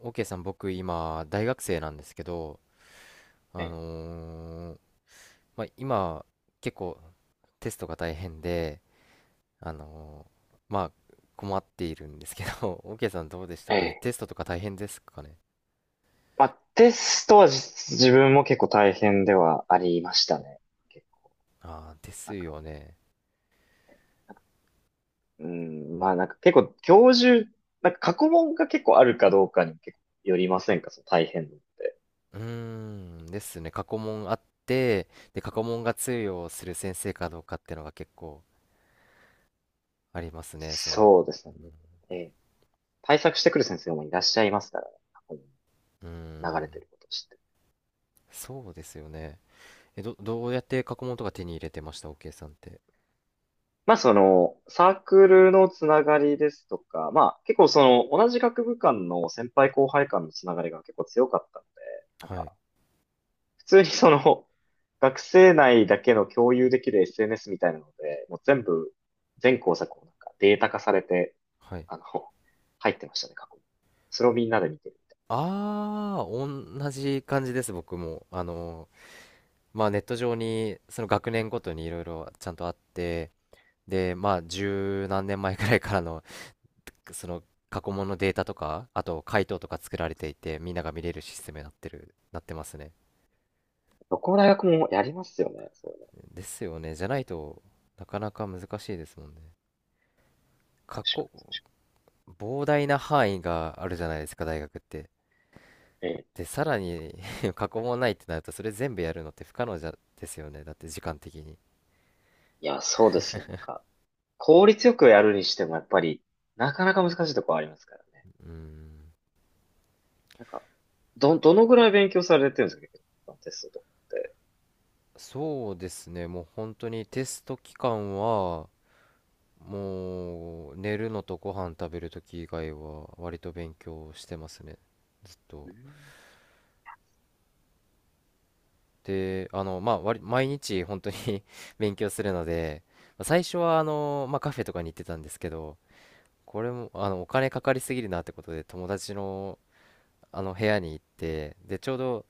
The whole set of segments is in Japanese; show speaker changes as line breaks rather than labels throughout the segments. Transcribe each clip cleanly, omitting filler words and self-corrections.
OK さん、僕今、大学生なんですけど、
え
あ
え。
のーまあ、今、結構テストが大変で、あのまあ、困っているんですけど。OK さん、どうでした
え
かね、
え、
テストとか大変ですかね？
まあ、テストは、自分も結構大変ではありましたね。結構、
ああー、で
な
す
んか、
よね。
うん、まあ、なんか結構教授、なんか過去問が結構あるかどうかに結構よりませんか、その大変度って？
うーん、ですね。過去問あって、で、過去問が通用する先生かどうかっていうのが結構ありますね。
そうですね。ええ。対策してくる先生もいらっしゃいますからね、過去問
うん、うー
流れて
ん、
ることを知って。
そうですよね。え、どうやって過去問とか手に入れてました？ OK さんって。
まあ、その、サークルのつながりですとか、まあ結構その、同じ学部間の先輩後輩間のつながりが結構強かったので、なん
はい。
か、普通にその、学生内だけの共有できる SNS みたいなので、もう全部、全工作をなんかデータ化されて、
はい。
あの、入ってましたね、過去に。それをみんなで見てるみたいな。
ああ、同じ感じです、僕も。まあ、ネット上に、その学年ごとにいろいろちゃんとあって、で、まあ、十何年前くらいからの、その、過去問のデータとか、あと、回答とか作られていて、みんなが見れるシステムになってますね。
どこの大学もやりますよね、そういう
ですよね。じゃないとなかなか難しいですもんね。過去、膨大な範囲があるじゃないですか、大学って。
の。ええ。
で、さらに 過去問ないってなると、それ全部やるのって不可能じゃ、ですよね。だって時間的に。
いや、そうですね、なんか、効率よくやるにしてもやっぱり、なかなか難しいところありますからね。
うん、
なんか、どのぐらい勉強されてるんですか、結構、テストとかって？
そうですね、もう本当にテスト期間は、もう寝るのとご飯食べるとき以外は、割と勉強してますね、ずっ
う
と。
ん。
で、まあ、割毎日本当に 勉強するので、まあ最初はまあ、カフェとかに行ってたんですけど、これも、お金かかりすぎるなってことで、友達の、あの部屋に行って、で、ちょうど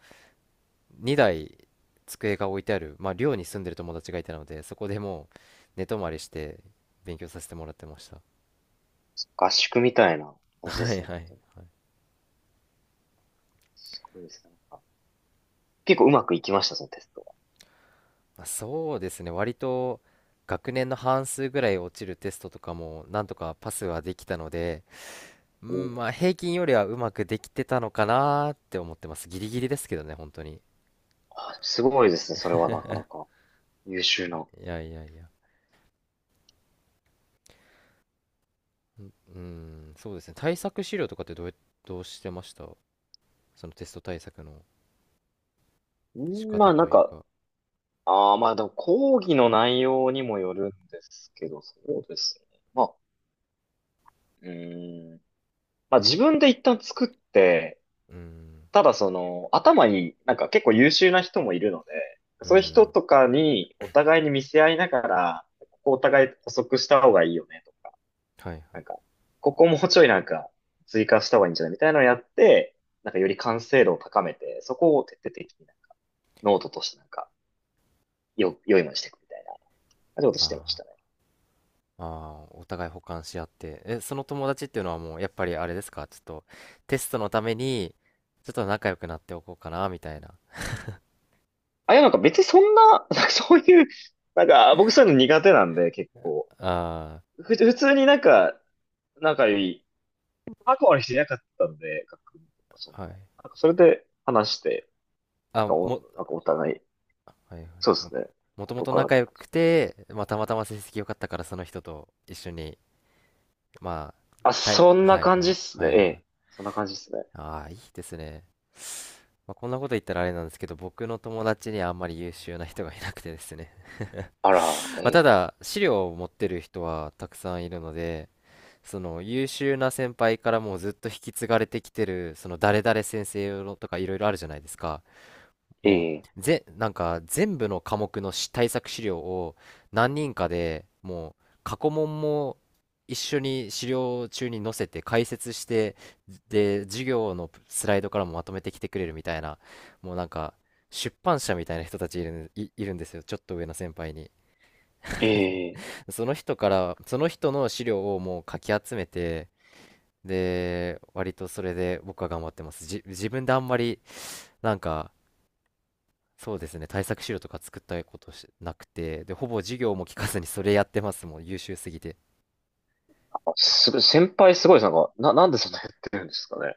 2台机が置いてある、まあ、寮に住んでる友達がいたので、そこでもう寝泊まりして勉強させてもらってました。
合宿みたいな 感じで
は
す
い
ね、
はい
本
はい。
当に。すごいですね。なんか結構うまくいきました、そのテスト？
まあ、そうですね、割と学年の半数ぐらい落ちるテストとかもなんとかパスはできたので、う
お、
ん、まあ平均よりはうまくできてたのかなーって思ってます。ギリギリですけどね、本当に。
あ、すごいですね。それはなかなか優秀な。
いやいやいや。うん、うん、そうですね。対策資料とかってどうしてました、そのテスト対策の
う
仕
ん、ま
方
あ、な
と
ん
いう
か、
か。
ああ、まあ、でも講義の内容にもよるんですけど、そうですね。まあ、うん。まあ自分で一旦作って、
うん、
ただその頭になんか結構優秀な人もいるので、
う
そういう人
ん。
とかにお互いに見せ合いながら、ここお互い補足した方がいいよねとか、
はいはい。
なんか、ここもうちょいなんか追加した方がいいんじゃないみたいなのをやって、なんかより完成度を高めて、そこを徹底的になんか、ノートとしてなんか、良いものにしていくみたいな、そういうこと
あ
してまし
ー
たね。
あー、お互い補完し合って。え、その友達っていうのはもう、やっぱりあれですかちょっと、テストのために、ちょっと仲良くなっておこうかな、みたいな。
あ、いや、なんか別にそんな、なんかそういう、なんか僕そういうの苦手なんで結構、
あ
普通になんか、仲良い、仲悪い人いなかったんで、学部とかそんな。
あ、はい。
なんかそれで話して、
あ、
お、
も、
なんかお互い、
はいはい。
そうで
あ、
すね。
もとも
元
と
からっ
仲
て
良
感じ
く
で。
て、まあ、たまたま成績良かったから、その人と一緒に、まあ、
あ、そんな
はい
感
はい、
じっすね。
はい
え
はい。
え。そんな感じっすね。
ああ、いいですね。まあ、こんなこと言ったらあれなんですけど、僕の友達にあんまり優秀な人がいなくてですね。
あら、え
まあ、た
え、
だ、資料を持ってる人はたくさんいるので、その優秀な先輩からもうずっと引き継がれてきてる、その誰々先生のとかいろいろあるじゃないですか。
え
も
え、
うなんか全部の科目の対策資料を、何人かでもう過去問も一緒に資料中に載せて解説して、で、授業のスライドからもまとめてきてくれるみたいな、もうなんか出版社みたいな人たちいるんですよ、ちょっと上の先輩に。
え え、
その人からその人の資料をもうかき集めて、で、割とそれで僕は頑張ってます。自分であんまり、なんか、そうですね、対策資料とか作ったことしなくて、で、ほぼ授業も聞かずにそれやってますもん、優秀すぎて。
あ、すごい、先輩すごいです。なんか、なんでそんなやってるんですかね。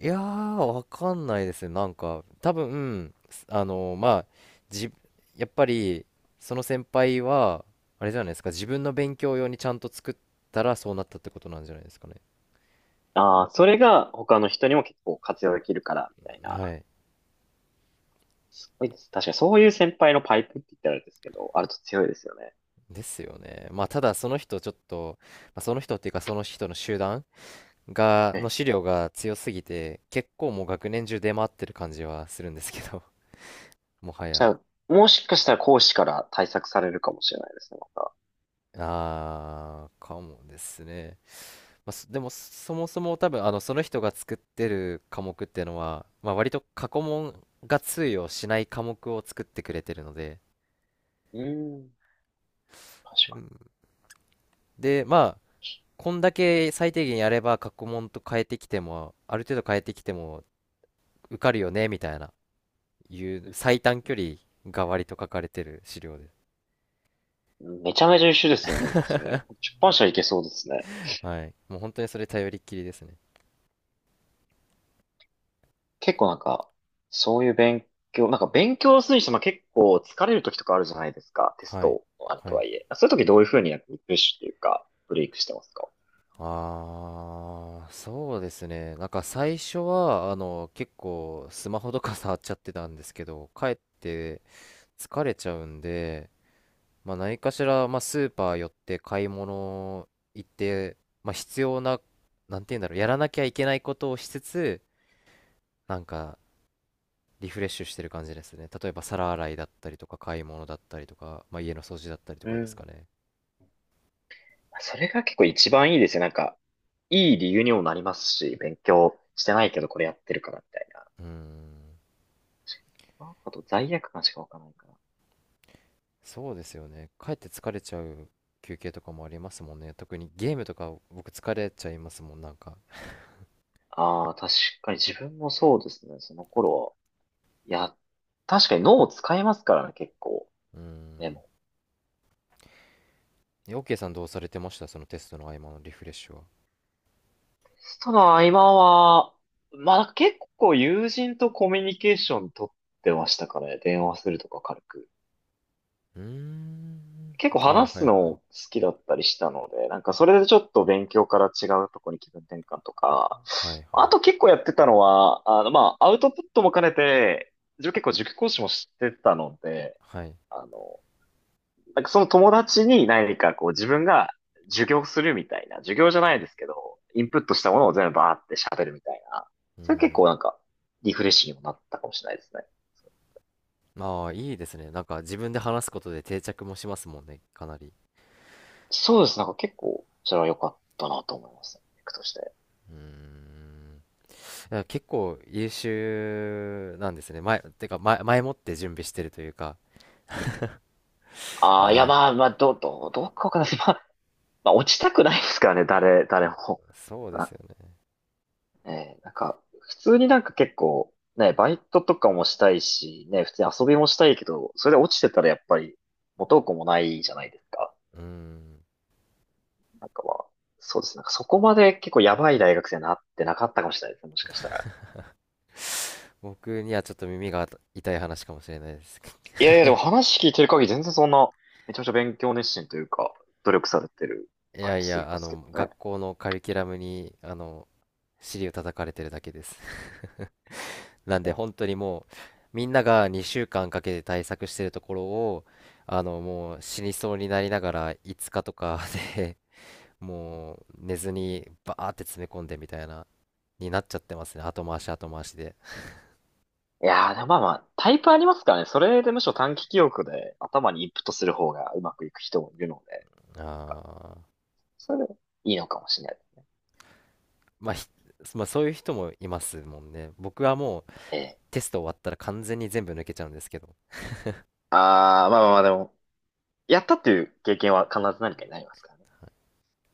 いやー、わかんないですね。なんか、多分、まあ、じ、やっぱり、その先輩は、あれじゃないですか、自分の勉強用にちゃんと作ったらそうなったってことなんじゃないですかね。
ああ、それが他の人にも結構活用できるから、みたいな。
はい。
すごいです。確かにそういう先輩のパイプって言ったらあれですけど、あると強いですよね。
ですよね。まあ、ただ、その人、ちょっと、まあ、その人っていうか、その人の集団
え
の
え。
資料が強すぎて、結構もう学年中出回ってる感じはするんですけど、もは
じゃ
や。
あ、もしかしたら講師から対策されるかもしれないですね、また。
あー、かもですね。まあ、そもそも多分、その人が作ってる科目っていうのは、まあ、割と過去問が通用しない科目を作ってくれてるので、
うーん、確
う
か
ん。で、まあ、こんだけ最低限やれば過去問と変えてきても、ある程度変えてきても受かるよね、みたいな、いう
に。
最短距離が割と書かれてる資料で。
うん、めちゃめちゃ優秀ですね、なんかそれ。出版社いけそうですね。
はい。もう本当にそれ頼りっきりですね。
結構なんか、そういう勉強、なんか勉強するにしても結構疲れる時とかあるじゃないですか。テス
はい。
トのある
は
と
い。
はいえ。そういう時どういうふうになんかリフレッシュっていうか、ブレイクしてますか？
あー、そうですね。なんか最初は、結構スマホとか触っちゃってたんですけど、帰って疲れちゃうんで、まあ何かしら、まあスーパー寄って買い物行って、まあ必要な、なんて言うんだろう、やらなきゃいけないことをしつつ、なんかリフレッシュしてる感じですね。例えば皿洗いだったりとか、買い物だったりとか、まあ家の掃除だったりと
う
かですか
ん。
ね。
それが結構一番いいですよ。なんか、いい理由にもなりますし、勉強してないけどこれやってるからみたいな。
うーん。
あと罪悪感しかわかないから。
そうですよね。かえって疲れちゃう休憩とかもありますもんね。特にゲームとか僕疲れちゃいますもん、なんか。
ああ、確かに自分もそうですね。その頃は。いや、確かに脳を使いますからね、結構。
うー
で
ん。
も。
え、OK さん、どうされてました、そのテストの合間のリフレッシュは？
テストの合間は、まあ結構友人とコミュニケーション取ってましたからね、電話するとか軽く。
うーん。
結構
あ、は
話
いは
す
い。
の好きだったりしたので、なんかそれでちょっと勉強から違うとこに気分転換とか、
はいは
あ
い。
と結構やってたのは、あの、まあ、アウトプットも兼ねて、自分結構塾講師もしてたので、
はい。
あの、なんかその友達に何かこう自分が授業するみたいな、授業じゃないですけど、インプットしたものを全部バーって喋るみたいな。
うー
それ結
ん。
構なんか、リフレッシュにもなったかもしれないですね。
ああ、いいですね。なんか自分で話すことで定着もしますもんね、かなり。
そうです。なんか結構、それは良かったなと思いますね。テクとして。
うーん。いや結構優秀なんですね。前もって準備してるというか。
あ
あ
あ、いや、
ら、
まあ、まあ、どうかわかんないです。まあ、まあ、落ちたくないですからね、誰も。
そうです
な
よね。
えーなんか、普通になんか結構、ね、バイトとかもしたいし、ね、普通に遊びもしたいけど、それで落ちてたらやっぱり、元も子もないじゃないですか。
うーん。
なんか、まあ、そうですね。なんかそこまで結構やばい大学生になってなかったかもしれないですね。もしかしたら。
僕にはちょっと耳が痛い話かもしれないですけど。
いやいや、でも話聞いてる限り全然そんな、めちゃめちゃ勉強熱心というか、努力されてる
い
感
やい
じすり
や、
ますけどね。
学校のカリキュラムに、尻を叩かれてるだけです。なん
で
で
も。
本当にもう、みんなが2週間かんかけて対策してるところを、もう死にそうになりながら5日とかで、もう寝ずにバーって詰め込んでみたいな、になっちゃってますね。後回し後回しで。
いやー、でもまあまあ、タイプありますからね。それでむしろ短期記憶で頭にインプットする方がうまくいく人もいるので、なん
あ
か
ー、
それでいいのかもしれないですね。
まあ、まあそういう人もいますもんね。僕はもう
ええ。
テスト終わったら完全に全部抜けちゃうんですけど
あー、まあ、まあ、まあ、でも、やったっていう経験は必ず何かになりますからね。